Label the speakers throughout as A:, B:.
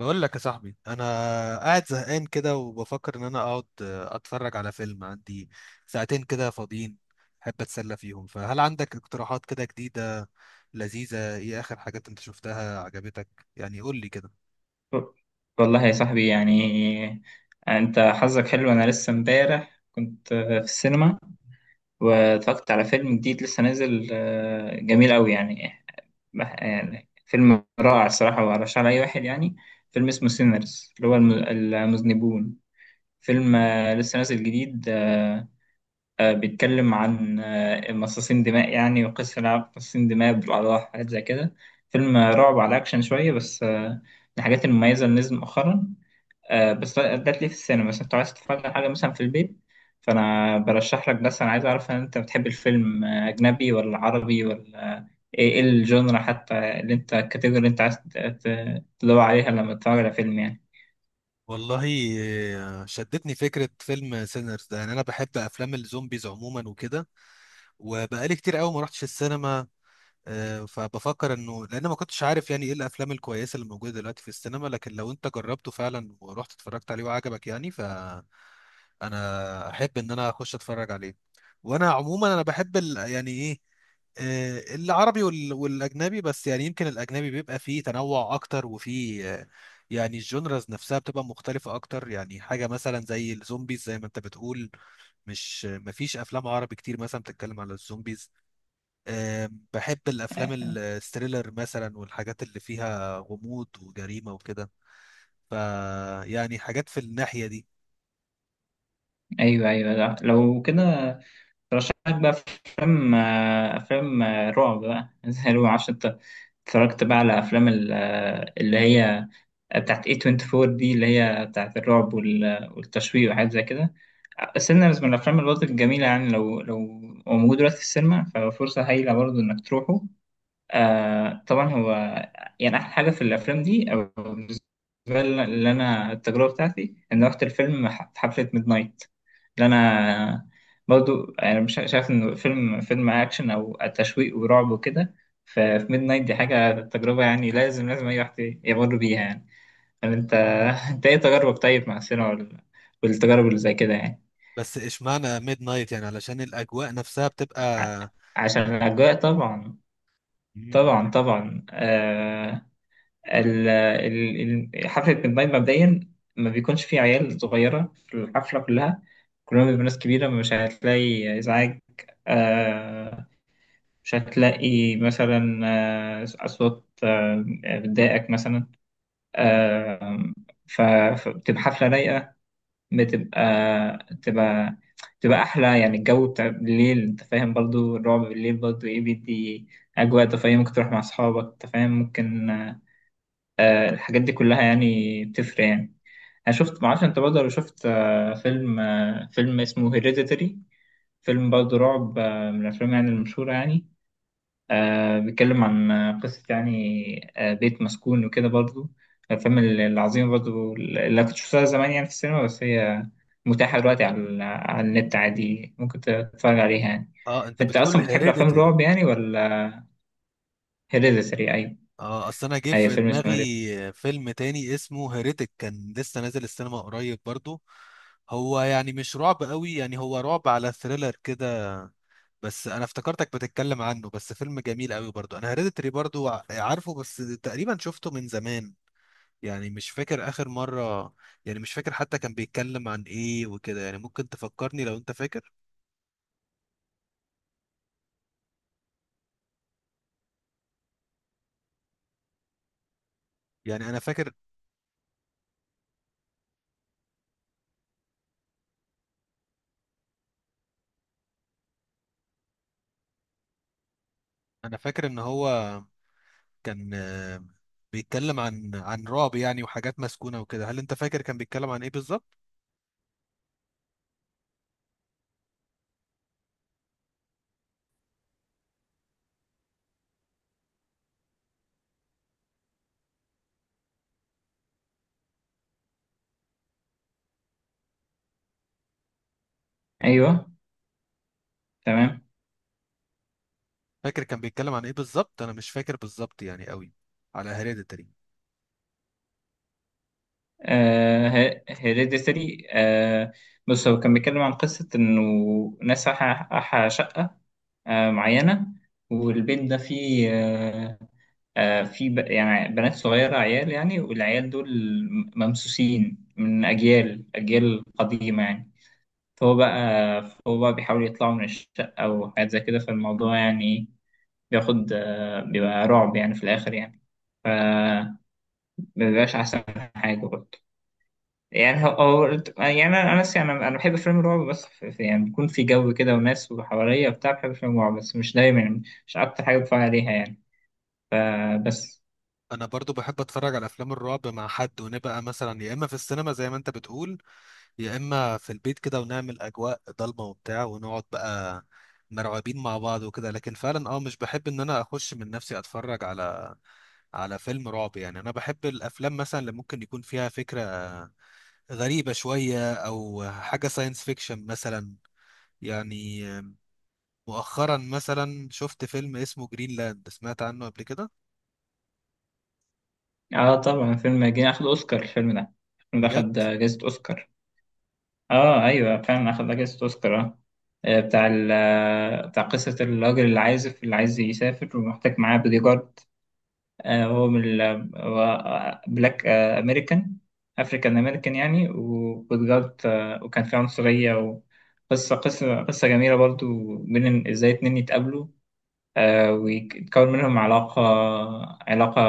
A: بقول لك يا صاحبي، انا قاعد زهقان كده وبفكر ان انا اقعد اتفرج على فيلم. عندي ساعتين كده فاضيين احب اتسلى فيهم، فهل عندك اقتراحات كده جديدة لذيذة؟ ايه اخر حاجات انت شفتها عجبتك؟ يعني قول لي كده.
B: والله يا صاحبي، يعني انت حظك حلو، انا لسه امبارح كنت في السينما، واتفرجت على فيلم جديد لسه نازل. جميل قوي يعني. يعني فيلم رائع الصراحة، وأرشحه لأي واحد يعني. فيلم اسمه سينرز، اللي هو المذنبون. فيلم لسه نازل جديد. بيتكلم عن مصاصين دماء يعني، وقصة لعب مصاصين دماء بالأعضاء، حاجات زي كده. فيلم رعب على أكشن شوية، بس من الحاجات المميزة اللي نزل مؤخرا. بس ده ليه في السينما، مثلا انت عايز تتفرج على حاجة مثلا في البيت. فأنا برشح لك، بس أنا عايز أعرف إن أنت بتحب الفيلم أجنبي ولا عربي ولا إيه الجونرا حتى، اللي أنت الكاتيجوري اللي أنت عايز تدور عليها لما تتفرج على فيلم يعني.
A: والله شدتني فكرة فيلم سينرز ده، يعني انا بحب افلام الزومبيز عموما وكده، وبقالي كتير قوي ما رحتش السينما. فبفكر انه لان ما كنتش عارف يعني ايه الافلام الكويسه اللي موجوده دلوقتي في السينما، لكن لو انت جربته فعلا ورحت اتفرجت عليه وعجبك يعني فانا احب ان انا اخش اتفرج عليه. وانا عموما انا بحب يعني ايه، العربي والاجنبي، بس يعني يمكن الاجنبي بيبقى فيه تنوع اكتر وفيه يعني الجونرز نفسها بتبقى مختلفة أكتر. يعني حاجة مثلا زي الزومبيز زي ما أنت بتقول، مش مفيش أفلام عربي كتير مثلا بتتكلم على الزومبيز. بحب الافلام
B: آه،
A: الستريلر مثلا والحاجات اللي فيها غموض وجريمه وكده. ف يعني حاجات في الناحيه دي.
B: أيوه أيوه، لا. لو كده برشح لك بقى أفلام، أفلام رعب بقى، زي رعب. معرفش أنت اتفرجت بقى على أفلام اللي هي بتاعت A24 دي، اللي هي بتاعت الرعب والتشويق وحاجات زي كده، السينما. بس من الأفلام برضه الجميلة يعني، لو هو موجود دلوقتي في السينما ففرصة هايلة برضه إنك تروحه. آه طبعا، هو يعني أحلى حاجة في الأفلام دي، أو بالنسبة لي اللي أنا التجربة بتاعتي، إن رحت الفيلم في حفلة ميد نايت، اللي أنا برضه يعني مش شايف إن فيلم أكشن أو تشويق ورعب وكده. ففي ميد نايت دي حاجة تجربة يعني، لازم لازم أي واحد يمر بيها يعني. فأنت إيه تجاربك طيب مع السينما والتجارب اللي زي كده يعني؟
A: بس اشمعنى ميد نايت؟ يعني علشان الاجواء نفسها بتبقى.
B: ع- عشان الأجواء طبعا.
A: مم.
B: طبعا طبعا حفلة ميد نايت مبدئيا ما بيكونش فيه عيال صغيرة في الحفلة كلها، كلهم بيبقوا ناس كبيرة، مش هتلاقي إزعاج. آه مش هتلاقي مثلا أصوات بتضايقك مثلا. آه ف- فبتبقى حفلة رايقة، بتبقى تبقى تبقى أحلى يعني. الجو بتاع بالليل، أنت فاهم، برضو الرعب بالليل برضو إيه، بيدي أجواء. أنت فاهم، ممكن تروح مع أصحابك، أنت فاهم، ممكن الحاجات دي كلها يعني بتفرق يعني. أنا شفت، معرفش أنت برضو لو شفت فيلم، فيلم اسمه هيريديتري، فيلم برضو رعب من الأفلام يعني المشهورة يعني. بيتكلم عن قصة يعني، بيت مسكون وكده، برضو الأفلام العظيمة برضو اللي كنت شفتها زمان يعني في السينما، بس هي متاحة دلوقتي على النت عادي، ممكن تتفرج عليها يعني.
A: اه، انت
B: فأنت
A: بتقول
B: أصلا بتحب أفلام
A: هيريديتري؟
B: الرعب يعني ولا؟ هيريديتري، أيوة.
A: اه، اصل انا جه
B: أي
A: في
B: فيلم اسمه هيريديتري.
A: دماغي فيلم تاني اسمه هيريتك كان لسه نازل السينما قريب برضو. هو يعني مش رعب قوي، يعني هو رعب على ثريلر كده، بس انا افتكرتك بتتكلم عنه. بس فيلم جميل قوي برضو. انا هيريديتري برضو عارفه، بس تقريبا شفته من زمان، يعني مش فاكر اخر مرة، يعني مش فاكر حتى كان بيتكلم عن ايه وكده. يعني ممكن تفكرني لو انت فاكر. يعني انا فاكر انا فاكر ان هو كان بيتكلم عن رعب يعني وحاجات مسكونة وكده. هل انت فاكر كان بيتكلم عن ايه بالظبط؟
B: أيوه تمام.
A: فاكر كان بيتكلم عن ايه بالظبط؟ انا مش فاكر بالظبط يعني قوي على هيريديتري.
B: آه هيريديتري آه، بص هو كان بيتكلم عن قصة إنه ناس أحا شقة معينة، والبيت ده فيه يعني بنات صغيرة عيال يعني، والعيال دول ممسوسين من أجيال أجيال قديمة يعني. فهو بقى فهو بقى بيحاول يطلعوا من الشقة وحاجات زي كده، فالموضوع يعني بياخد بيبقى رعب يعني في الآخر يعني. ف مبيبقاش أحسن حاجة برضه يعني. يعني أنا بحب فيلم الرعب، بس يعني بيكون في جو كده وناس وحواليا وبتاع، بحب فيلم الرعب بس مش دايما، مش أكتر حاجة بتفرج عليها يعني، بس.
A: انا برضو بحب اتفرج على افلام الرعب مع حد، ونبقى مثلا يا اما في السينما زي ما انت بتقول، يا اما في البيت كده، ونعمل اجواء ضلمه وبتاع ونقعد بقى مرعوبين مع بعض وكده. لكن فعلا اه مش بحب ان انا اخش من نفسي اتفرج على فيلم رعب يعني. انا بحب الافلام مثلا اللي ممكن يكون فيها فكره غريبه شويه او حاجه ساينس فيكشن مثلا يعني. مؤخرا مثلا شفت فيلم اسمه جرينلاند، سمعت عنه قبل كده؟
B: اه طبعا، فيلم جه اخد اوسكار الفيلم ده
A: بجد؟
B: اخد جائزة اوسكار. اه ايوه فعلا اخد جائزة اوسكار، اه. آه، بتاع ال آه، بتاع قصة الراجل العازف اللي عايز يسافر ومحتاج معاه بودي جارد. هو بلاك أمريكان، أفريكان أمريكان يعني، وبودي جارد وكان في عنصرية. وقصة قصة قصة جميلة برضو، بين إزاي اتنين يتقابلوا ويتكون منهم علاقة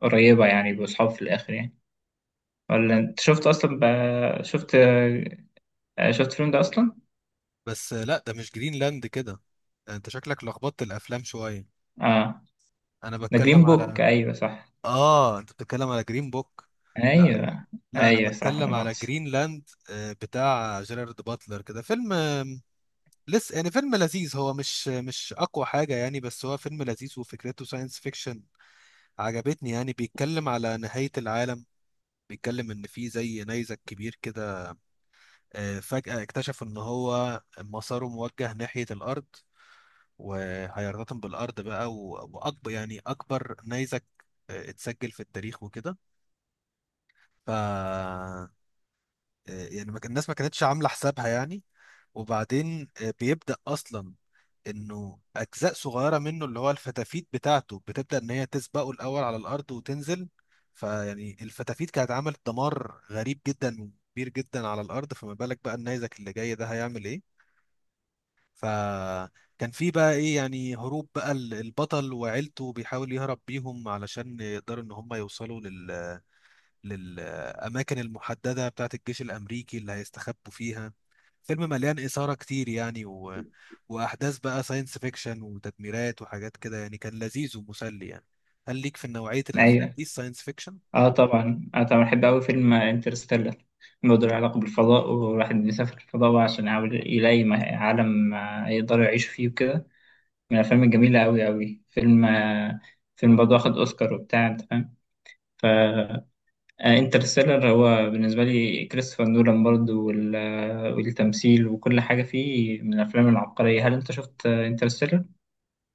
B: قريبة يعني بأصحاب في الآخر يعني. ولا انت شفت اصلا شفت، شفت الفيلم ده اصلا؟
A: بس لا، ده مش جرينلاند كده، انت شكلك لخبطت الافلام شويه.
B: اه،
A: انا
B: ده جرين
A: بتكلم على،
B: بوك، ايوه صح.
A: اه، انت بتتكلم على جرين بوك. لا،
B: ايوه.
A: لا، انا
B: ايوه صح، لا
A: بتكلم على
B: مؤاخذة.
A: جرينلاند، بتاع جيرارد باتلر كده. فيلم لسه يعني. فيلم لذيذ، هو مش اقوى حاجه يعني، بس هو فيلم لذيذ وفكرته ساينس فيكشن عجبتني. يعني بيتكلم على نهايه العالم، بيتكلم ان في زي نيزك كبير كده فجاه اكتشف ان هو مساره موجه ناحيه الارض وهيرتطم بالارض بقى، واكبر يعني اكبر نيزك اتسجل في التاريخ وكده. ف آه، يعني ما كان- الناس ما كانتش عامله حسابها يعني. وبعدين بيبدا اصلا انه اجزاء صغيره منه اللي هو الفتافيت بتاعته بتبدا ان هي تسبقه الاول على الارض وتنزل. فيعني الفتافيت كانت عملت دمار غريب جدا وكبير جدا على الارض، فما بالك بقى النيزك اللي جاي ده هيعمل ايه. فكان في بقى ايه يعني هروب بقى البطل وعيلته، بيحاول يهرب بيهم علشان يقدروا ان هم يوصلوا للأماكن المحددة بتاعة الجيش الأمريكي اللي هيستخبوا فيها. فيلم مليان إثارة كتير يعني وأحداث بقى ساينس فيكشن وتدميرات وحاجات كده يعني. كان لذيذ ومسلي يعني. هل ليك في نوعية الأفلام
B: ايوه.
A: دي الساينس فيكشن؟
B: اه طبعا، بحب قوي فيلم انترستيلر. الموضوع له علاقة بالفضاء، والواحد بيسافر الفضاء بقى عشان يحاول يلاقي عالم يقدروا يعيشوا فيه وكده. من الافلام الجميلة قوي قوي، فيلم فيلم برضه واخد اوسكار وبتاع، انت فاهم. انترستيلر هو بالنسبة لي كريستوفر نولان برضو والتمثيل وكل حاجة فيه، من الأفلام العبقرية. هل أنت شفت انترستيلر؟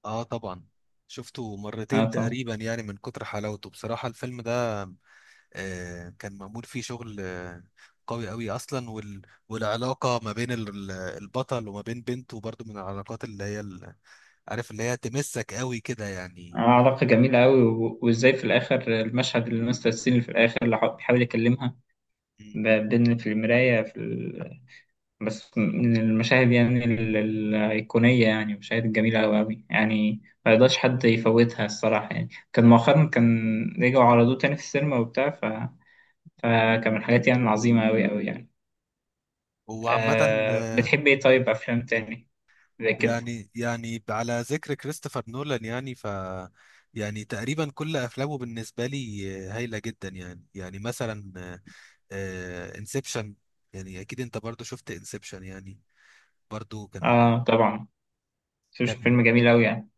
A: آه طبعا، شفته
B: آه
A: مرتين
B: طبعا.
A: تقريبا يعني من كتر حلاوته بصراحة الفيلم ده. كان معمول فيه شغل قوي اصلا. والعلاقه ما بين البطل وما بين بنته برضو من العلاقات اللي هي عارف اللي هي تمسك قوي كده يعني.
B: علاقة جميلة أوي، وإزاي في الآخر المشهد اللي مستر سين في الآخر اللي بيحاول يكلمها،
A: مم.
B: بين في المراية في بس من المشاهد يعني الأيقونية يعني، مشاهد جميلة أوي أوي يعني، ما يقدرش حد يفوتها الصراحة يعني. كان مؤخرا كان رجعوا عرضوه تاني في السينما وبتاع. فكان من الحاجات يعني العظيمة أوي أوي يعني.
A: هو عامه
B: آه بتحب ايه طيب، افلام تاني زي كده؟
A: يعني على ذكر كريستوفر نولان، يعني ف يعني تقريبا كل افلامه بالنسبه لي هايله جدا يعني. يعني مثلا انسبشن، يعني اكيد انت برضو شفت انسبشن يعني. برضو كان
B: اه طبعا. شوف شوف
A: كان
B: فيلم جميل اوي يعني.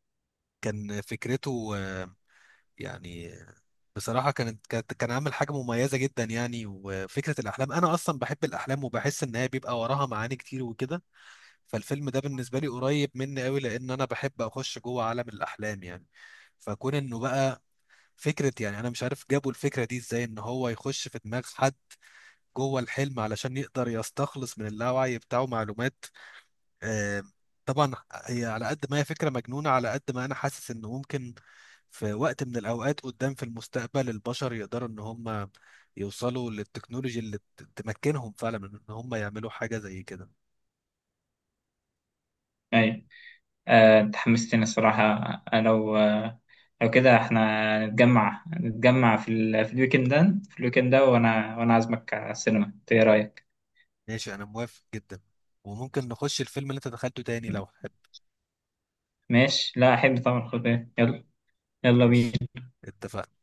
A: كان فكرته يعني بصراحة كان عامل حاجة مميزة جدا يعني. وفكرة الأحلام أنا أصلا بحب الأحلام وبحس إن هي بيبقى وراها معاني كتير وكده. فالفيلم ده بالنسبة لي قريب مني أوي، لأن أنا بحب أخش جوه عالم الأحلام يعني. فكون إنه بقى فكرة، يعني أنا مش عارف جابوا الفكرة دي إزاي، إن هو يخش في دماغ حد جوه الحلم علشان يقدر يستخلص من اللاوعي بتاعه معلومات. آه، طبعا هي على قد ما هي فكرة مجنونة، على قد ما أنا حاسس إنه ممكن في وقت من الأوقات قدام في المستقبل البشر يقدروا إن هم يوصلوا للتكنولوجيا اللي تمكنهم فعلا من إن هم يعملوا حاجة زي كده.
B: ايوه. آه انت حمستني الصراحة. آه، لو آه لو كده احنا نتجمع في الويكند ده، وانا عازمك على السينما، إنت ايه رأيك؟
A: ماشي، أنا موافق جدا. وممكن نخش الفيلم اللي أنت دخلته تاني لو حابب.
B: ماشي، لا احب طبعا. خد بالك. يلا يلا
A: ماشي،
B: بينا.
A: اتفقنا.